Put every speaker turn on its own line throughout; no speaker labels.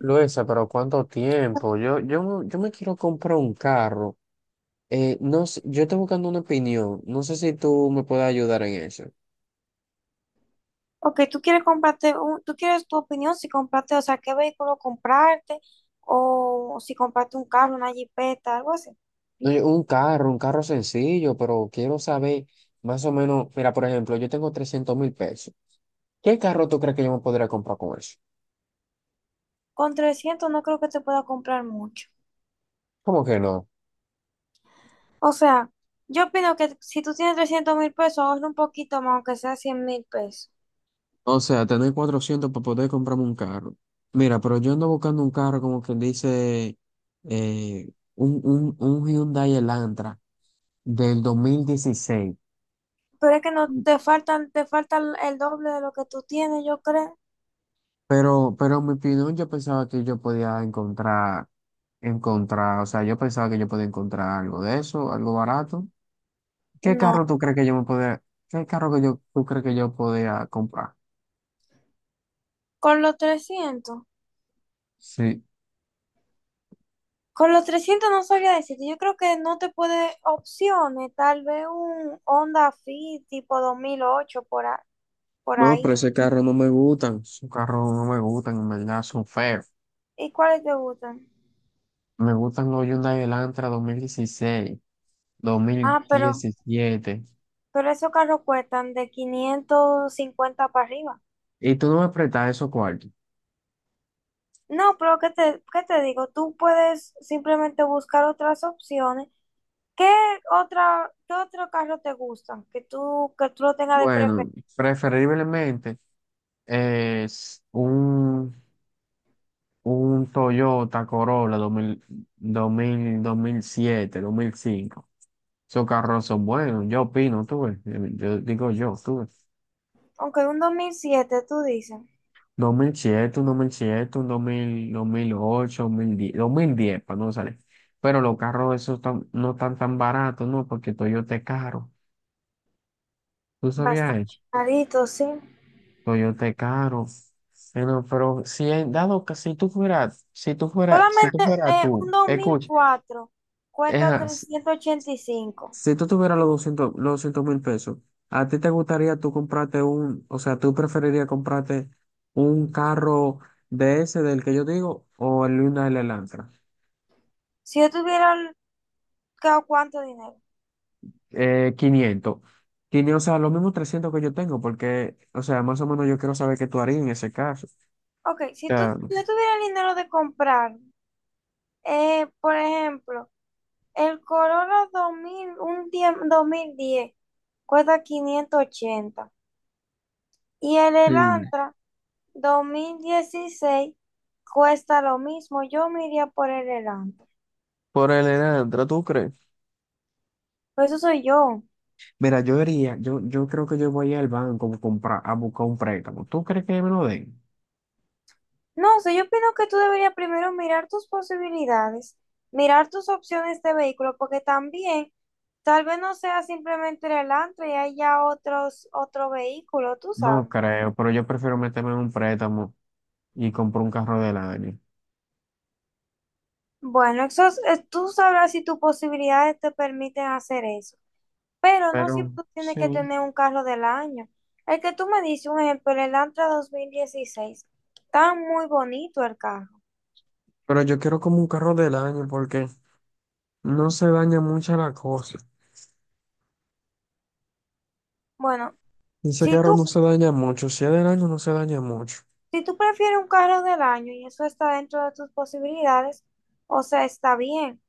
Luisa, pero ¿cuánto tiempo? Yo me quiero comprar un carro. No sé, yo estoy buscando una opinión. No sé si tú me puedes ayudar en eso.
Ok, tú quieres tú quieres tu opinión si comprarte, o sea, qué vehículo comprarte o si comprarte un carro, una jipeta, algo así.
No, un carro sencillo, pero quiero saber más o menos. Mira, por ejemplo, yo tengo 300.000 pesos. ¿Qué carro tú crees que yo me podría comprar con eso?
Con 300 no creo que te pueda comprar mucho.
¿Cómo que no?
O sea, yo opino que si tú tienes 300,000 pesos, ahorra un poquito más, aunque sea 100,000 pesos.
O sea, tener 400 para poder comprarme un carro. Mira, pero yo ando buscando un carro como que dice eh, un Hyundai Elantra del 2016.
Pero es que no te faltan, te falta el doble de lo que tú tienes, yo creo.
Pero en mi opinión, yo pensaba que yo podía encontrar, o sea, yo pensaba que yo podía encontrar algo de eso, algo barato. ¿Qué
No,
carro tú crees que yo me podía, qué carro que yo, Tú crees que yo podía comprar?
con los 300.
Sí.
Con los 300 no sabía decirte. Yo creo que no te puede opciones. Tal vez un Honda Fit tipo 2008 por
No,
ahí.
pero ese carro no me gustan. Esos carros no me gustan, en verdad, son feos.
¿Y cuáles te gustan?
Me gustan los Hyundai Elantra 2016, dos mil
Ah, pero,
diecisiete
pero esos carros cuestan de 550 para arriba.
¿Y tú no me prestas esos cuartos?
No, pero ¿qué te digo? Tú puedes simplemente buscar otras opciones. ¿Qué qué otro carro te gustan? Que tú lo tengas de
Bueno,
preferencia.
preferiblemente es un Toyota Corolla dos mil siete, 2005. Esos carros son buenos, yo opino, tú ves, yo digo yo, tú ves.
Aunque un 2007 tú dices.
Dos mil siete Un 2007, un 2000, 2008, 2010, para no salir. Pero los carros esos no están tan baratos, ¿no? Porque Toyota es caro. ¿Tú sabías
Bastante
eso?
carito, sí.
Coyote caro. Bueno, pero si en dado que si tú
Solamente
fueras
un
tú,
dos mil
escucha,
cuatro cuesta
ejá,
385.
si tú tuvieras los 200.000 pesos, ¿a ti te gustaría tú o sea, tú preferirías comprarte un carro de ese del que yo digo o el Hyundai Elantra?
Si yo tuviera el- ca- ¿Cuánto dinero?
500. 500, o sea, los mismos 300 que yo tengo, porque, o sea, más o menos yo quiero saber qué tú harías en ese caso. O
Ok, si tú,
sea.
si yo tuviera el dinero de comprar, por ejemplo, el Corolla 2010 cuesta 580 y el
Sí.
Elantra 2016 cuesta lo mismo. Yo me iría por el Elantra.
Por el Elantra, ¿tú crees?
Pero eso soy yo.
Mira, yo diría, yo creo que yo voy al banco a comprar, a buscar un préstamo. ¿Tú crees que me lo den?
No sé, yo opino que tú deberías primero mirar tus posibilidades, mirar tus opciones de vehículo, porque también tal vez no sea simplemente el Elantra y haya otro vehículo, tú
No
sabes.
creo, pero yo prefiero meterme en un préstamo y comprar un carro del año.
Bueno, tú sabrás si tus posibilidades te permiten hacer eso, pero no
Pero
siempre tú tienes que
sí,
tener un carro del año. El que tú me dices, un ejemplo, el Elantra 2016 está muy bonito el carro.
pero yo quiero como un carro del año porque no se daña mucho la cosa.
Bueno,
Ese
si
carro
tú
no se daña mucho. Si es del año, no se daña mucho.
Si tú prefieres un carro del año y eso está dentro de tus posibilidades, o sea, está bien.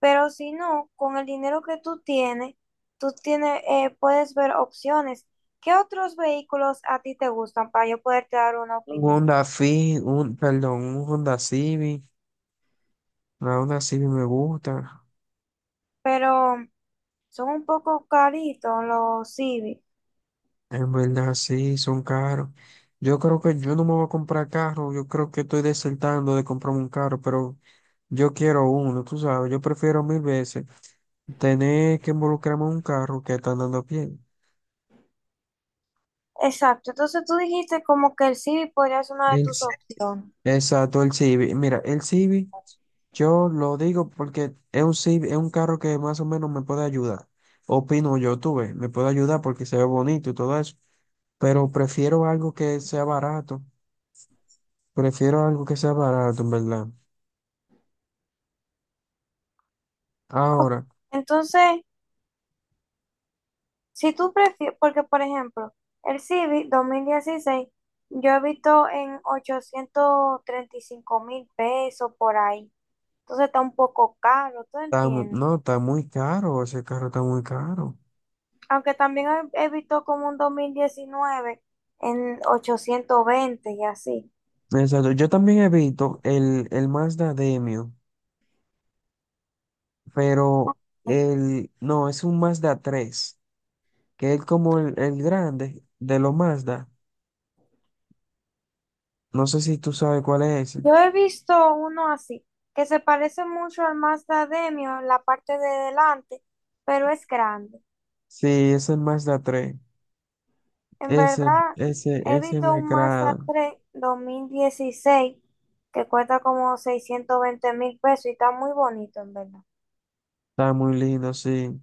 Pero si no, con el dinero que tú tienes, puedes ver opciones. ¿Qué otros vehículos a ti te gustan para yo poderte dar una
Un
opinión?
Honda Fit, un, perdón, un Honda Civic. La Honda Civic me gusta.
Pero son un poco caritos los Civic.
En verdad, sí, son caros. Yo creo que yo no me voy a comprar carro, yo creo que estoy desertando de comprarme un carro, pero yo quiero uno, tú sabes, yo prefiero mil veces tener que involucrarme en un carro que está andando a pie.
Exacto. Entonces tú dijiste como que el Civic podría ser una de
El,
tus
Ci-
opciones.
exacto, el Civic. Mira, el Civic, yo lo digo porque es un Civic, es un carro que más o menos me puede ayudar. Opino yo, tú ves, me puede ayudar porque se ve bonito y todo eso, pero prefiero algo que sea barato, prefiero algo que sea barato, en verdad. Ahora,
Entonces, si tú prefieres, porque por ejemplo, el Civic 2016 yo he visto en 835,000 pesos por ahí. Entonces está un poco caro, ¿tú
está
entiendes?
no, está muy caro, ese carro está muy caro.
Aunque también he visto como un 2019 en 820 y así.
Exacto, yo también evito el Mazda Demio, pero el, no, es un Mazda tres, que es como el grande de los Mazda. No sé si tú sabes cuál es ese.
Yo he visto uno así, que se parece mucho al Mazda Demio en la parte de delante, pero es grande.
Sí, es el Mazda tres.
En verdad, he
Ese
visto
me
un Mazda
agrada.
tres 2016 que cuesta como 620,000 pesos y está muy bonito, en verdad.
Está muy lindo, sí.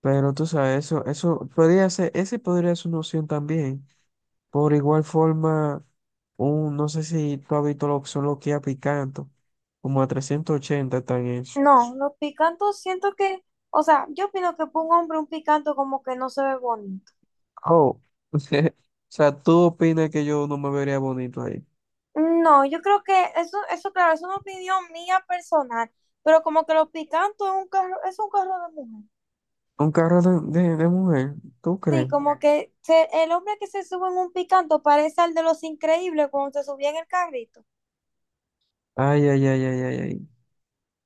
Pero tú sabes, ese podría ser una opción también. Por igual forma, no sé si tú has visto lo que son los Kia Picanto, como a 380 están eso.
No, los picantos siento que, o sea, yo opino que para un hombre un picanto como que no se ve bonito.
Oh, o sea, ¿tú opinas que yo no me vería bonito ahí?
No, yo creo que eso claro, es una opinión mía personal, pero como que los picantos es un carro de mujer.
Un carro de mujer, ¿tú
Sí,
crees?
como el hombre que se sube en un picanto parece al de los increíbles cuando se subía en el carrito.
Ay, ay, ay, ay, ay, ay.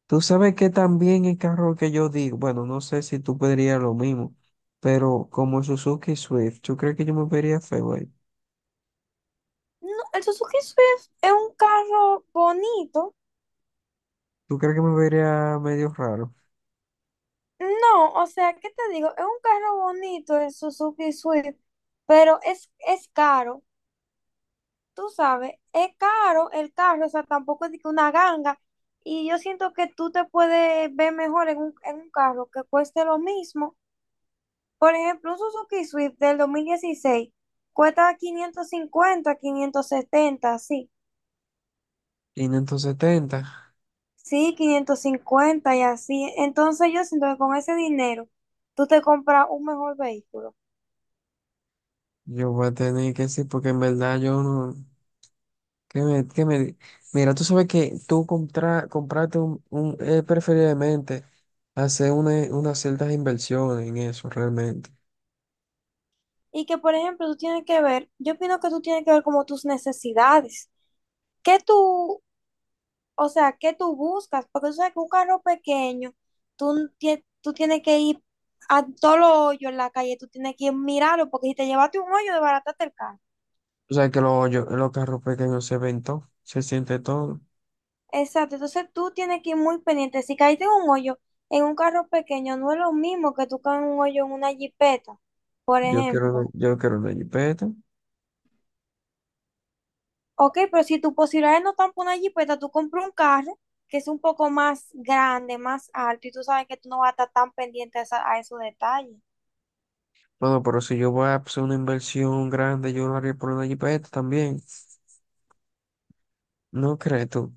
Tú sabes que también el carro que yo digo, bueno, no sé si tú pedirías lo mismo, pero como Suzuki Swift, ¿tú crees que yo me vería feo ahí?
No, el Suzuki Swift es un carro bonito.
¿Tú crees que me vería medio raro?
No, o sea, ¿qué te digo? Es un carro bonito el Suzuki Swift, pero es caro, tú sabes, es caro el carro, o sea, tampoco es de que una ganga. Y yo siento que tú te puedes ver mejor en un, carro que cueste lo mismo. Por ejemplo, un Suzuki Swift del 2016 cuesta 550 570 sí.
570.
Sí, 550 y así. Entonces yo siento que con ese dinero tú te compras un mejor vehículo.
Yo voy a tener que decir, porque en verdad yo no. ¿Qué me? Mira, tú sabes que compraste un, preferiblemente hacer unas ciertas inversiones en eso realmente.
Y que, por ejemplo, tú tienes que ver, yo opino que tú tienes que ver como tus necesidades. ¿Qué tú, o sea, ¿qué tú buscas? Porque tú sabes que un carro pequeño, tú tienes que ir a todos los hoyos en la calle, tú tienes que ir a mirarlo, porque si te llevaste un hoyo, desbarataste el carro.
O sea que los carros pequeños se ven todo, se siente todo.
Exacto, entonces tú tienes que ir muy pendiente. Si caíste en un hoyo en un carro pequeño, no es lo mismo que tú caes en un hoyo en una jipeta, por ejemplo.
Yo quiero una jipeta.
Ok, pero si tus posibilidades no están por una jipeta, tú compras un carro que es un poco más grande, más alto, y tú sabes que tú no vas a estar tan pendiente a esos detalles.
Bueno, pero si yo voy a hacer una inversión grande, yo lo haría por una jipeta también. ¿No crees tú?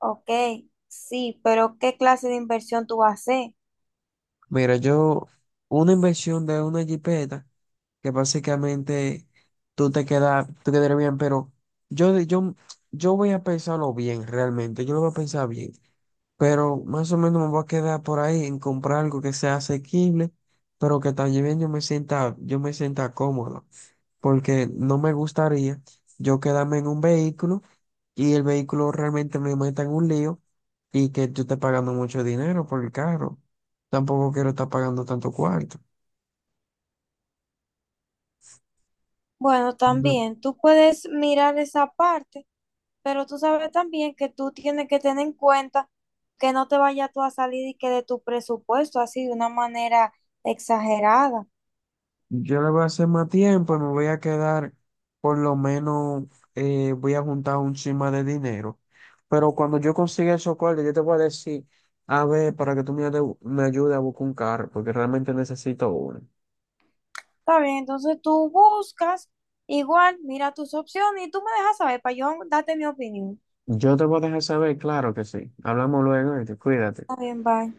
Ok, sí, pero ¿qué clase de inversión tú vas a hacer?
Mira, una inversión de una jipeta, que básicamente tú te quedas, tú quedarías bien, pero yo, yo, yo voy a pensarlo bien, realmente, yo lo voy a pensar bien, pero más o menos me voy a quedar por ahí en comprar algo que sea asequible, pero que también yo me sienta cómodo, porque no me gustaría yo quedarme en un vehículo y el vehículo realmente me meta en un lío y que yo esté pagando mucho dinero por el carro. Tampoco quiero estar pagando tanto cuarto.
Bueno, también tú puedes mirar esa parte, pero tú sabes también que tú tienes que tener en cuenta que no te vaya tú a salir y que de tu presupuesto así de una manera exagerada.
Yo le voy a hacer más tiempo y me voy a quedar, por lo menos, voy a juntar un chima de dinero. Pero cuando yo consiga esos cuartos, yo te voy a decir, a ver, para que tú me ayudes a buscar un carro, porque realmente necesito uno.
Está bien, entonces tú buscas, igual, mira tus opciones y tú me dejas saber para yo darte mi opinión.
Yo te voy a dejar saber, claro que sí. Hablamos luego y te cuídate.
Está bien, bye.